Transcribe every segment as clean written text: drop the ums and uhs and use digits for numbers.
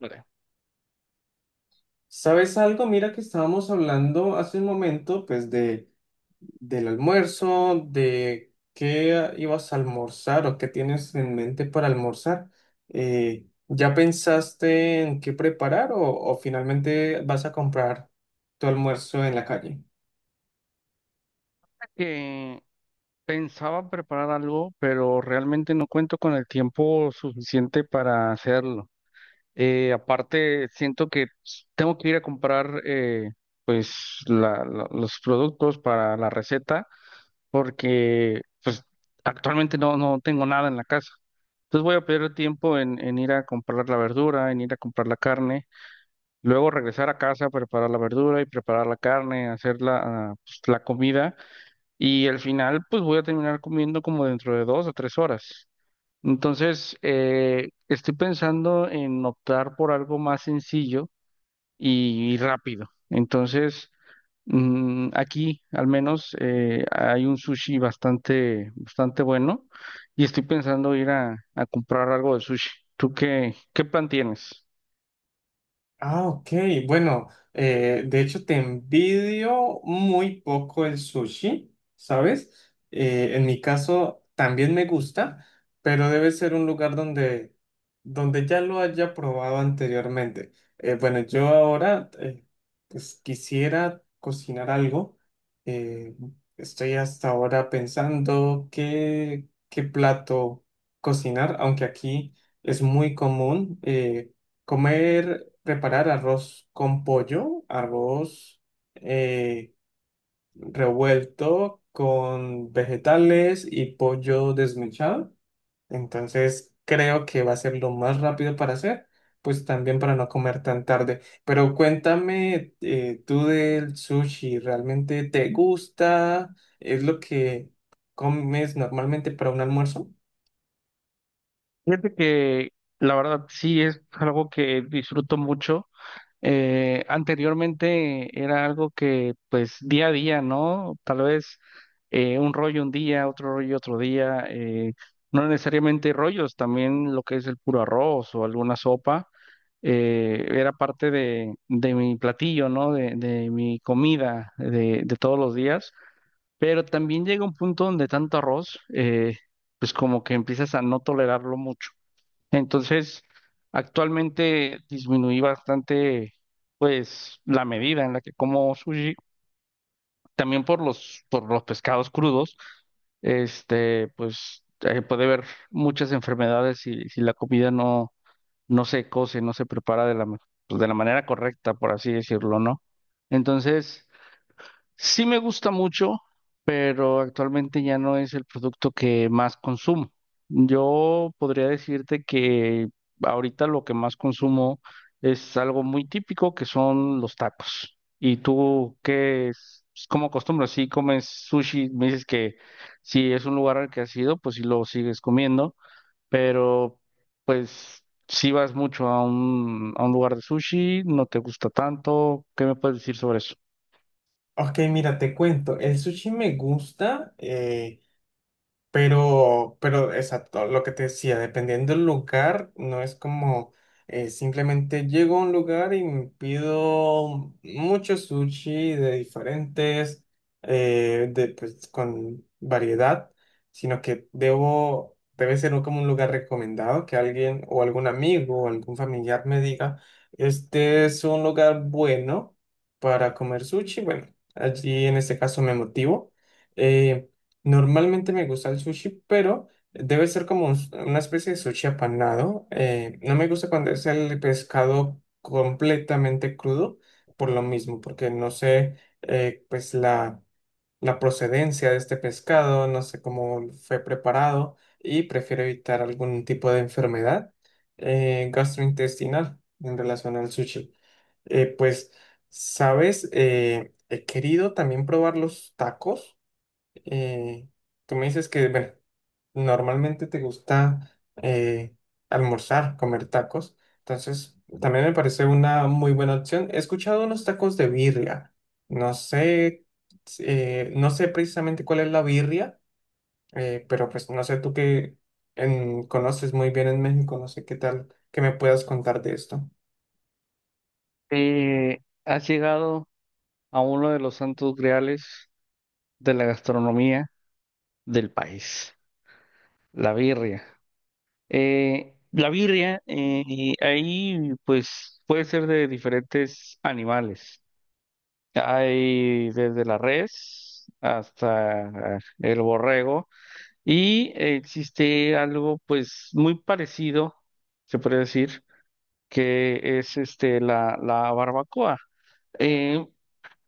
Mira, ¿Sabes algo? Mira que estábamos hablando hace un momento, pues, de, del almuerzo, de qué ibas a almorzar o qué tienes en mente para almorzar. ¿ya pensaste en qué preparar o finalmente vas a comprar tu almuerzo en la calle? que pensaba preparar algo, pero realmente no cuento con el tiempo suficiente para hacerlo. Aparte, siento que tengo que ir a comprar los productos para la receta, porque pues actualmente no tengo nada en la casa. Entonces voy a perder tiempo en ir a comprar la verdura, en ir a comprar la carne, luego regresar a casa, preparar la verdura y preparar la carne, hacer la comida. Y al final, pues voy a terminar comiendo como dentro de 2 o 3 horas. Entonces, estoy pensando en optar por algo más sencillo y rápido. Entonces, aquí al menos hay un sushi bastante, bastante bueno, y estoy pensando ir a comprar algo de sushi. ¿Tú qué, qué plan tienes? Ah, ok. Bueno, de hecho te envidio muy poco el sushi, ¿sabes? En mi caso también me gusta, pero debe ser un lugar donde ya lo haya probado anteriormente. Bueno, yo ahora pues, quisiera cocinar algo. Eh, Estoy hasta ahora pensando qué plato cocinar, aunque aquí es muy común. Comer, preparar arroz con pollo, arroz eh, revuelto con vegetales y pollo desmechado. Entonces creo que va a ser lo más rápido para hacer, pues también para no comer tan tarde. Pero cuéntame tú del sushi, ¿realmente te gusta? ¿Es lo que comes normalmente para un almuerzo? Fíjate que la verdad sí es algo que disfruto mucho. Anteriormente era algo que pues día a día, ¿no? Tal vez un rollo un día, otro rollo otro día, no necesariamente rollos, también lo que es el puro arroz o alguna sopa, era parte de mi platillo, ¿no? De mi comida de todos los días, pero también llega un punto donde tanto arroz, pues como que empiezas a no tolerarlo mucho. Entonces, actualmente disminuí bastante, pues, la medida en la que como sushi, también por los pescados crudos, este, pues, puede haber muchas enfermedades si la comida no se cose, no se prepara de pues, de la manera correcta, por así decirlo, ¿no? Entonces, sí me gusta mucho, pero actualmente ya no es el producto que más consumo. Yo podría decirte que ahorita lo que más consumo es algo muy típico, que son los tacos. ¿Y tú qué es? Pues, ¿cómo acostumbras? Si comes sushi, me dices que si es un lugar al que has ido, pues sí lo sigues comiendo, pero pues si vas mucho a un lugar de sushi, no te gusta tanto, ¿qué me puedes decir sobre eso? Ok, mira, te cuento, el sushi me gusta. Pero exacto, lo que te decía, dependiendo del lugar, no es como simplemente llego a un lugar y me pido mucho sushi de diferentes, pues, con variedad, sino que debe ser como un lugar recomendado que alguien o algún amigo o algún familiar me diga, este es un lugar bueno para comer sushi. Bueno, allí en este caso me motivo. eh, Normalmente me gusta el sushi, pero debe ser como una especie de sushi apanado. No me gusta cuando es el pescado completamente crudo, por lo mismo, porque no sé, pues la procedencia de este pescado, no sé cómo fue preparado y prefiero evitar algún tipo de enfermedad gastrointestinal en relación al sushi. Pues, ¿sabes? He querido también probar los tacos eh, tú me dices que, bueno, normalmente te gusta almorzar, comer tacos. Entonces, también me parece una muy buena opción. He escuchado unos tacos de birria. No sé, no sé precisamente cuál es la birria, pero pues no sé tú que conoces muy bien en México, no sé qué tal que me puedas contar de esto. ¿Has llegado a uno de los santos griales de la gastronomía del país, la birria? La birria, y ahí pues puede ser de diferentes animales. Hay desde la res hasta el borrego, y existe algo pues muy parecido, se puede decir, que es este la barbacoa. Eh,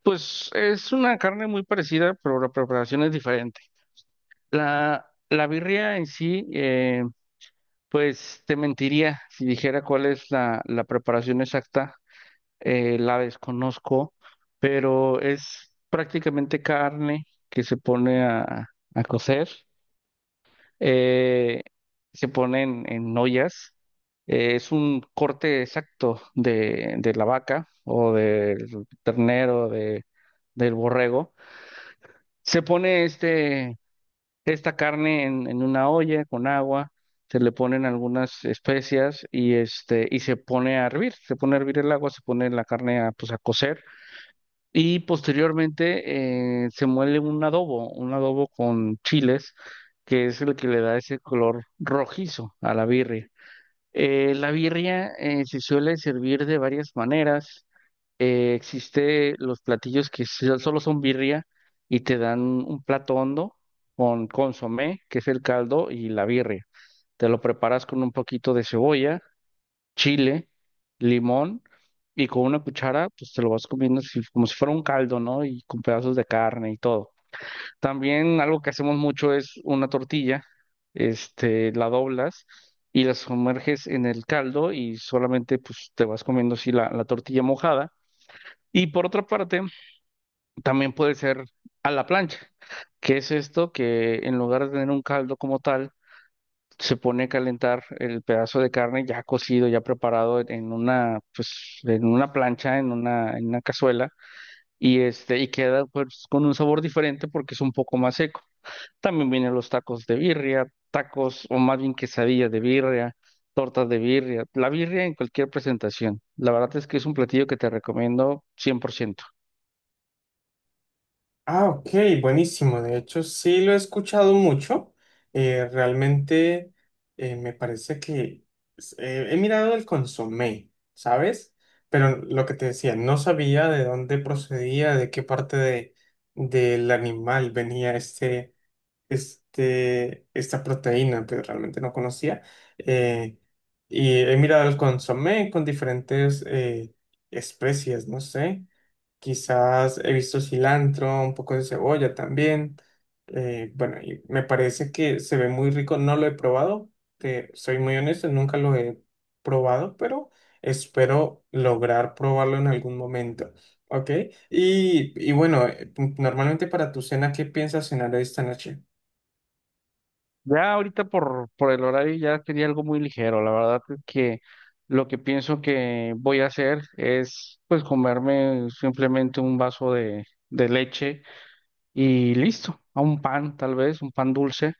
pues es una carne muy parecida, pero la preparación es diferente. La birria en sí, pues te mentiría si dijera cuál es la preparación exacta, la desconozco, pero es prácticamente carne que se pone a cocer, eh, se pone en ollas, es un corte exacto de la vaca o del ternero, del borrego. Se pone esta carne en una olla con agua, se le ponen algunas especias y este y se pone a hervir, se pone a hervir el agua, se pone la carne a, pues a cocer, y posteriormente se muele un adobo con chiles, que es el que le da ese color rojizo a la birria. La birria se suele servir de varias maneras. Existe los platillos que solo son birria y te dan un plato hondo con consomé, que es el caldo, y la birria. Te lo preparas con un poquito de cebolla, chile, limón, y con una cuchara, pues te lo vas comiendo así como si fuera un caldo, ¿no? Y con pedazos de carne y todo. También algo que hacemos mucho es una tortilla, este, la doblas. Y la sumerges en el caldo y solamente pues te vas comiendo así la tortilla mojada. Y por otra parte, también puede ser a la plancha, que es esto que en lugar de tener un caldo como tal, se pone a calentar el pedazo de carne ya cocido, ya preparado en una, pues, en una plancha, en una cazuela, y este, y queda pues con un sabor diferente porque es un poco más seco. También vienen los tacos de birria, tacos, o más bien quesadillas de birria, tortas de birria, la birria en cualquier presentación. La verdad es que es un platillo que te recomiendo 100%. Ah, ok, buenísimo. De hecho, sí lo he escuchado mucho. Realmente me parece que he mirado el consomé, ¿sabes? Pero lo que te decía, no sabía de dónde procedía, de qué parte de, del animal venía este, este, esta proteína, pero realmente no conocía. Eh, y he mirado el consomé con diferentes especies, no sé. Quizás he visto cilantro, un poco de cebolla también. Bueno, y me parece que se ve muy rico. No lo he probado. Te soy muy honesto, nunca lo he probado, pero espero lograr probarlo en algún momento. ¿Ok? Y bueno, normalmente para tu cena, ¿qué piensas cenar esta noche? Ya ahorita por el horario ya quería algo muy ligero. La verdad es que lo que pienso que voy a hacer es pues comerme simplemente un vaso de leche y listo. A un pan tal vez, un pan dulce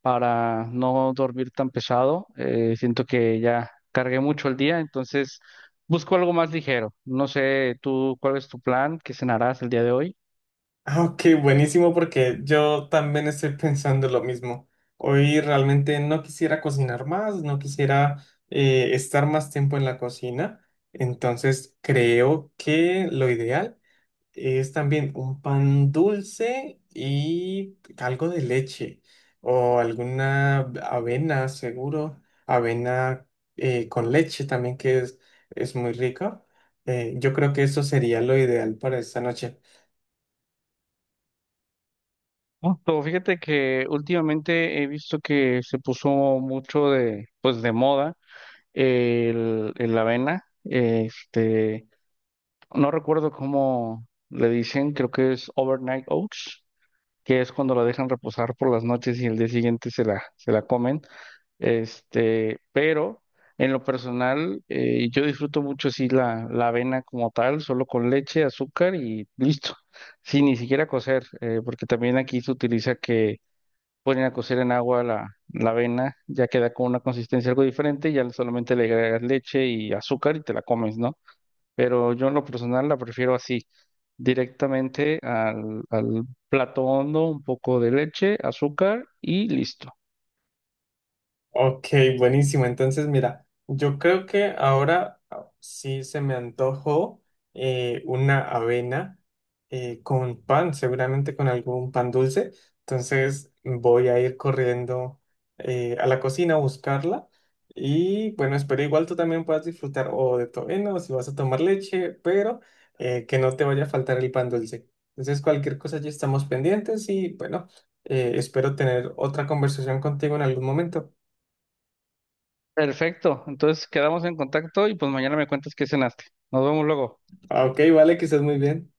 para no dormir tan pesado. Siento que ya cargué mucho el día, entonces busco algo más ligero. No sé tú cuál es tu plan, qué cenarás el día de hoy. Ah, ok, buenísimo porque yo también estoy pensando lo mismo. Hoy realmente no quisiera cocinar más, no quisiera estar más tiempo en la cocina. Entonces creo que lo ideal es también un pan dulce y algo de leche o alguna avena, seguro. Avena con leche también que es muy rico. Yo creo que eso sería lo ideal para esta noche. Justo, fíjate que últimamente he visto que se puso mucho pues de moda el avena. Este, no recuerdo cómo le dicen, creo que es overnight oats, que es cuando la dejan reposar por las noches y el día siguiente se la comen. Este, pero en lo personal, yo disfruto mucho así la avena como tal, solo con leche, azúcar y listo, sin ni siquiera cocer, porque también aquí se utiliza que ponen a cocer en agua la avena, ya queda con una consistencia algo diferente, ya solamente le agregas leche y azúcar y te la comes, ¿no? Pero yo en lo personal la prefiero así, directamente al plato hondo, un poco de leche, azúcar y listo. Ok, buenísimo. Entonces, mira, yo creo que ahora ah, sí se me antojó una avena con pan, seguramente con algún pan dulce. Entonces, voy a ir corriendo a la cocina a buscarla. Y bueno, espero igual tú también puedas disfrutar o de tu avena o si vas a tomar leche, pero que no te vaya a faltar el pan dulce. Entonces, cualquier cosa ya estamos pendientes y bueno, espero tener otra conversación contigo en algún momento. Perfecto, entonces quedamos en contacto y pues mañana me cuentas qué cenaste. Nos vemos luego. Ah, ok, vale, que estés muy bien.